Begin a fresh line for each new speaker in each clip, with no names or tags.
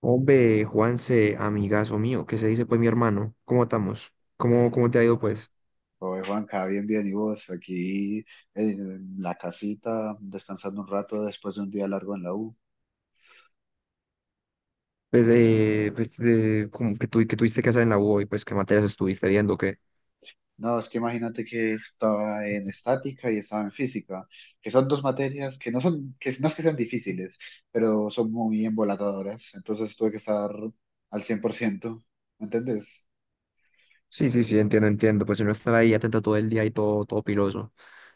Hombre, Juanse, amigazo mío, ¿qué se dice pues mi hermano? ¿Cómo estamos? ¿Cómo te ha ido pues?
Oye, Juanca, bien, bien, y vos aquí en la casita, descansando un rato después de un día largo en la U.
Pues, pues que tuviste que hacer en la U y pues qué materias estuviste viendo, qué.
No, es que imagínate que estaba en estática y estaba en física, que son dos materias que no son, que no es que sean difíciles, pero son muy embolatadoras, entonces tuve que estar al 100%, ¿me entendés?
Sí, sí, sí, entiendo, entiendo. Pues uno estar ahí atento todo el día y todo, todo piloso.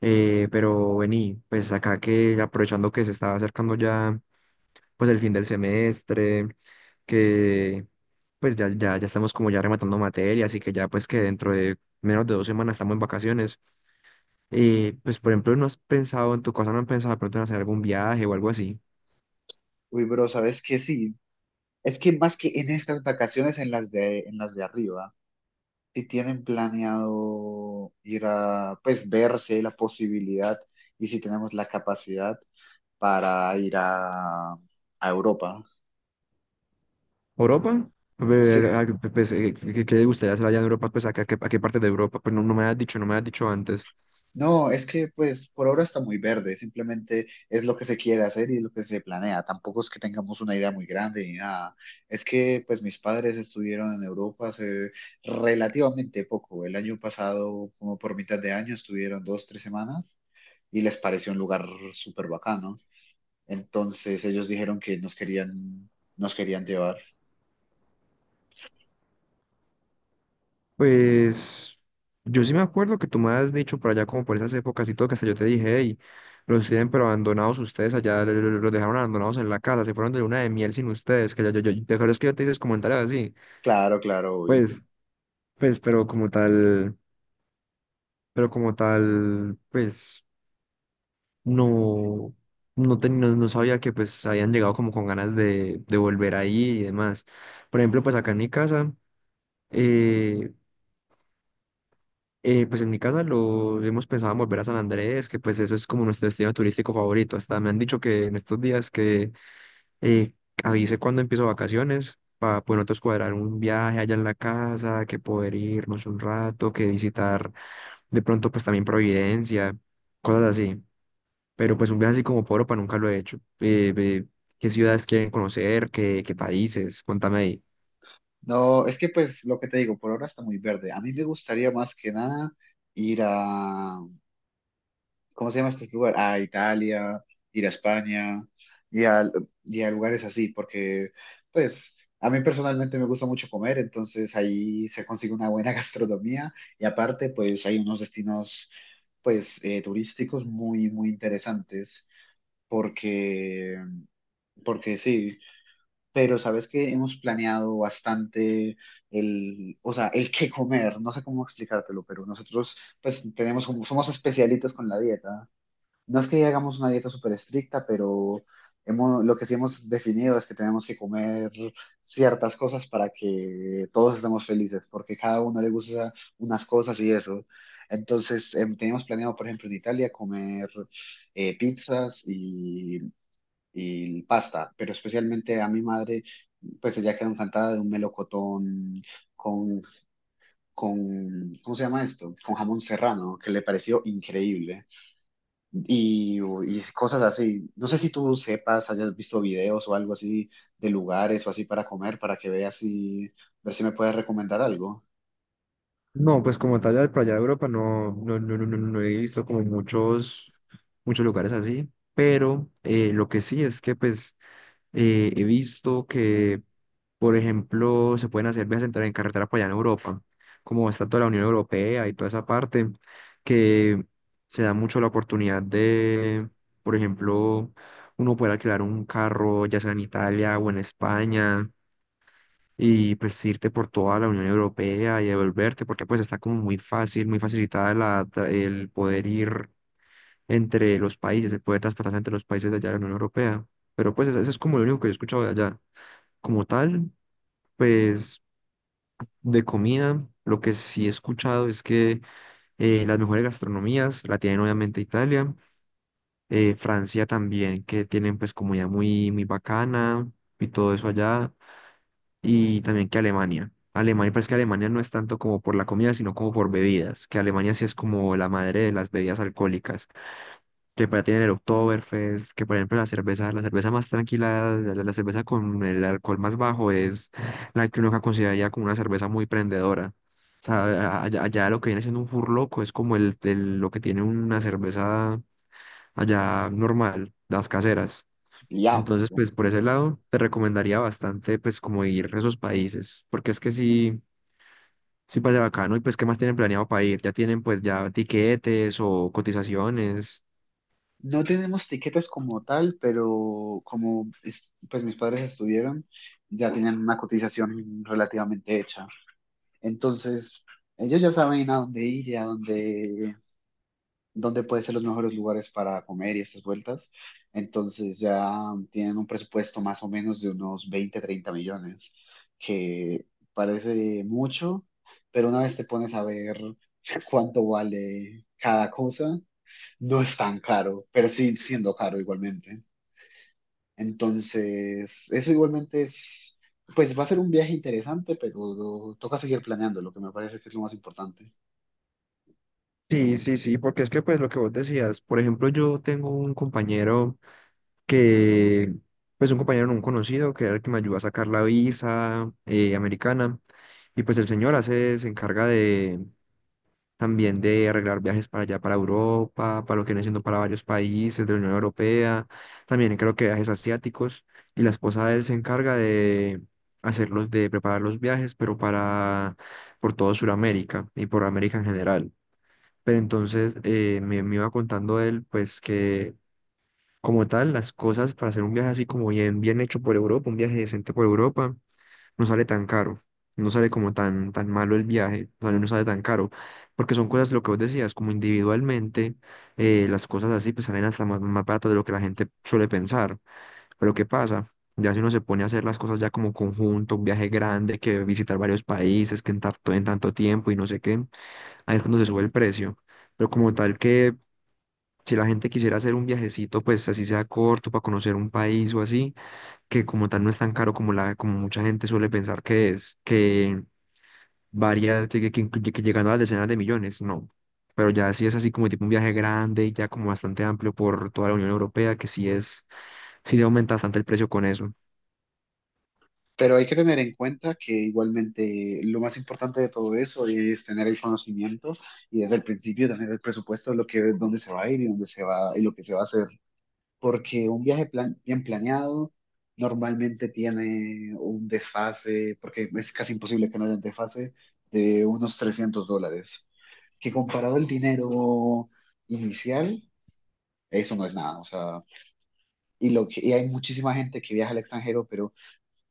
Pero vení, pues acá que aprovechando que se está acercando ya pues el fin del semestre, que pues ya estamos como ya rematando materias y que ya pues que dentro de menos de 2 semanas estamos en vacaciones. Y pues, por ejemplo, ¿no has pensado en tu casa no han pensado de pronto en hacer algún viaje o algo así?
Uy, bro, ¿sabes qué? Sí, es que más que en estas vacaciones, en las de arriba. Si tienen planeado ir a, pues, ver si hay la posibilidad y si tenemos la capacidad para ir a Europa.
¿Europa?
Sí,
Ve- a- a- Pues, ¿qué le gustaría hacer allá en Europa? Pues, ¿a qué parte de Europa? Pues no, no me has dicho antes.
no, es que pues por ahora está muy verde, simplemente es lo que se quiere hacer y lo que se planea. Tampoco es que tengamos una idea muy grande ni nada. Es que pues mis padres estuvieron en Europa hace relativamente poco. El año pasado, como por mitad de año, estuvieron 2, 3 semanas y les pareció un lugar súper bacano. Entonces ellos dijeron que nos querían llevar.
Pues, yo sí me acuerdo que tú me has dicho por allá como por esas épocas y todo, que hasta yo te dije, hey, los tienen pero abandonados ustedes allá, los dejaron abandonados en la casa, se fueron de luna de miel sin ustedes, que ya te acuerdas que yo te hice comentarios así.
Claro, claro, obvio.
Pues, pues, pero como tal, pues. No, no, no, no sabía que pues habían llegado como con ganas de volver ahí y demás. Por ejemplo, pues acá en mi casa, eh, pues en mi casa lo hemos pensado en volver a San Andrés, que pues eso es como nuestro destino turístico favorito. Hasta me han dicho que en estos días que eh, avise cuando empiezo vacaciones, para poder nosotros cuadrar un viaje allá en la casa, que poder irnos un rato, que visitar de pronto pues también Providencia, cosas así. Pero pues un viaje así como por Europa nunca lo he hecho. ¿Qué ciudades quieren conocer? ¿Qué, qué países? Cuéntame ahí.
No, es que pues lo que te digo, por ahora está muy verde. A mí me gustaría más que nada ir a, ¿cómo se llama este lugar? A Italia, ir a España y a, y a lugares así, porque pues a mí personalmente me gusta mucho comer, entonces ahí se consigue una buena gastronomía y aparte pues hay unos destinos pues turísticos muy, muy interesantes porque porque sí, pero sabes que hemos planeado bastante el, o sea, el qué comer, no sé cómo explicártelo, pero nosotros pues tenemos como, somos especialitos con la dieta. No es que hagamos una dieta súper estricta, pero hemos, lo que sí hemos definido es que tenemos que comer ciertas cosas para que todos estemos felices, porque cada uno le gusta unas cosas y eso. Entonces, teníamos planeado, por ejemplo, en Italia comer pizzas y pasta, pero especialmente a mi madre, pues ella quedó encantada de un melocotón con, con, ¿cómo se llama esto? Con jamón serrano, que le pareció increíble. Y cosas así. No sé si tú sepas, hayas visto videos o algo así de lugares o así para comer, para que veas y ver si me puedes recomendar algo.
No, pues como tal, ya por allá de Europa no he visto como muchos, muchos lugares así, pero lo que sí es que pues he visto que, por ejemplo, se pueden hacer viajes en carretera para allá en Europa, como está toda la Unión Europea y toda esa parte, que se da mucho la oportunidad de, por ejemplo, uno poder alquilar un carro, ya sea en Italia o en España, y pues irte por toda la Unión Europea y devolverte, porque pues está como muy fácil, muy facilitada el poder ir entre los países, el poder transportarse entre los países de allá de la Unión Europea. Pero pues eso es como lo único que yo he escuchado de allá. Como tal, pues de comida, lo que sí he escuchado es que las mejores gastronomías la tienen obviamente Italia, Francia también, que tienen pues comida muy, muy bacana y todo eso allá, y también que Alemania. Alemania, pues que Alemania no es tanto como por la comida, sino como por bebidas, que Alemania sí es como la madre de las bebidas alcohólicas, que para tienen el Oktoberfest, que por ejemplo la cerveza más tranquila, la cerveza con el alcohol más bajo es la que uno acá consideraría como una cerveza muy prendedora. O sea, allá, allá lo que viene siendo un furloco es como lo que tiene una cerveza allá normal, las caseras.
Diablo.
Entonces,
No
pues por ese lado te recomendaría bastante pues como ir a esos países, porque es que sí, sí parece bacano. Y pues ¿qué más tienen planeado para ir? ¿Ya tienen pues ya tiquetes o cotizaciones?
No tenemos tiquetes como tal, pero como es- pues mis padres estuvieron, ya tienen una cotización relativamente hecha. Entonces, ellos ya saben a dónde ir y a dónde, dónde pueden ser los mejores lugares para comer y estas vueltas. Entonces, ya tienen un presupuesto más o menos de unos 20, 30 millones, que parece mucho, pero una vez te pones a ver cuánto vale cada cosa, no es tan caro, pero sí siendo caro igualmente. Entonces, eso igualmente es, pues va a ser un viaje interesante, pero toca seguir planeando, lo que me parece que es lo más importante.
Sí, sí, sí, porque es que pues lo que vos decías, por ejemplo, yo tengo un compañero que, pues un compañero, no, un conocido, que era el que me ayudó a sacar la visa americana, y pues el señor hace, se encarga de también de arreglar viajes para allá, para Europa, para lo que viene siendo para varios países de la Unión Europea, también creo que viajes asiáticos, y la esposa de él se encarga de hacerlos, de preparar los viajes, pero para, por todo Sudamérica y por América en general. Pero entonces me iba contando él, pues que como tal, las cosas para hacer un viaje así como bien, bien hecho por Europa, un viaje decente por Europa, no sale tan caro, no sale como tan, tan malo el viaje, o sea, no sale tan caro, porque son cosas, lo que vos decías, como individualmente, las cosas así pues salen hasta más, más baratas de lo que la gente suele pensar. Pero ¿qué pasa? Ya si uno se pone a hacer las cosas ya como conjunto, un viaje grande, que visitar varios países, que en tanto tiempo y no sé qué, ahí es cuando se sube el precio. Pero como tal que si la gente quisiera hacer un viajecito, pues así sea corto, para conocer un país o así, que como tal no es tan caro como, la, como mucha gente suele pensar que es, que varía, que que llegando a las decenas de millones, no. Pero ya sí es así como tipo un viaje grande y ya como bastante amplio por toda la Unión Europea, que sí es, sí se aumenta bastante el precio con eso.
Pero hay que tener en cuenta que igualmente lo más importante de todo eso es tener el conocimiento y desde el principio tener el presupuesto de lo que, dónde se va a ir y dónde se va y lo que se va a hacer. Porque un viaje plan- bien planeado normalmente tiene un desfase, porque es casi imposible que no haya un desfase, de unos $300. Que comparado al dinero inicial, eso no es nada. O sea, y, lo que, y hay muchísima gente que viaja al extranjero, pero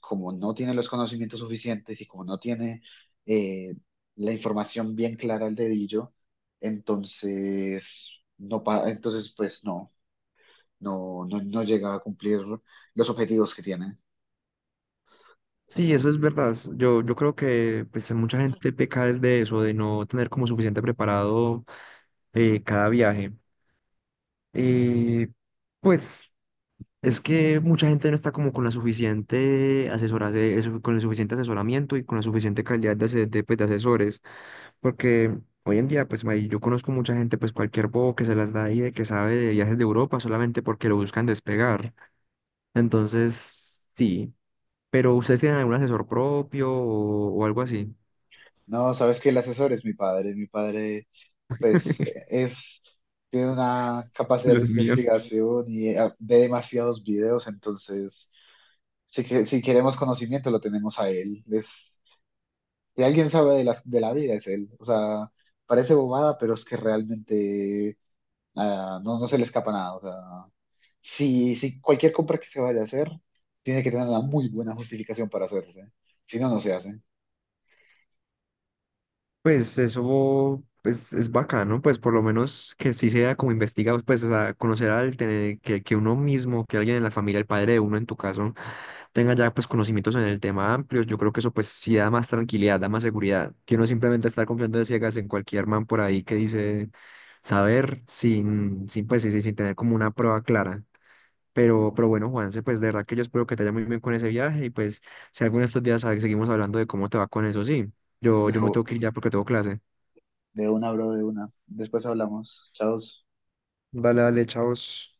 como no tiene los conocimientos suficientes y como no tiene eh, la información bien clara al dedillo, entonces, entonces pues no llega a cumplir los objetivos que tiene.
Sí, eso es verdad. Yo, yo creo que pues mucha gente peca desde eso, de no tener como suficiente preparado cada viaje. Eh, pues. Es que mucha gente no está como con la suficiente con el suficiente asesoramiento y con la suficiente calidad de, pues, de asesores, porque hoy en día, pues yo conozco mucha gente, pues cualquier bobo que se las da y de que sabe de viajes de Europa solamente porque lo buscan despegar. Entonces, sí, pero ¿ustedes tienen algún asesor propio o algo así?
No, sabes que el asesor es mi padre, pues es, tiene una capacidad de
Dios mío.
investigación y ve demasiados videos, entonces si queremos conocimiento lo tenemos a él, es que alguien sabe de la vida es él. O sea, parece bobada, pero es que realmente no, no se le escapa nada. O sea, si cualquier compra que se vaya a hacer, tiene que tener una muy buena justificación para hacerse. Si no, no se hace.
Pues eso pues, es bacano, pues por lo menos que sí sea como investigado, pues o sea, conocer al tener que uno mismo, que alguien en la familia, el padre de uno en tu caso, tenga ya pues conocimientos en el tema amplios, yo creo que eso pues sí da más tranquilidad, da más seguridad, que uno simplemente estar confiando de ciegas en cualquier man por ahí que dice saber sin, sin pues sí, sí, sin tener como una prueba clara. Pero bueno, Juanse, pues de verdad que yo espero que te vaya muy bien con ese viaje y pues si alguno de estos días seguimos hablando de cómo te va con eso, sí. Yo,
De,
yo me
u-
tengo que ir ya porque tengo clase.
de una, bro, de una. Después hablamos. Chao.
Dale, dale, chavos.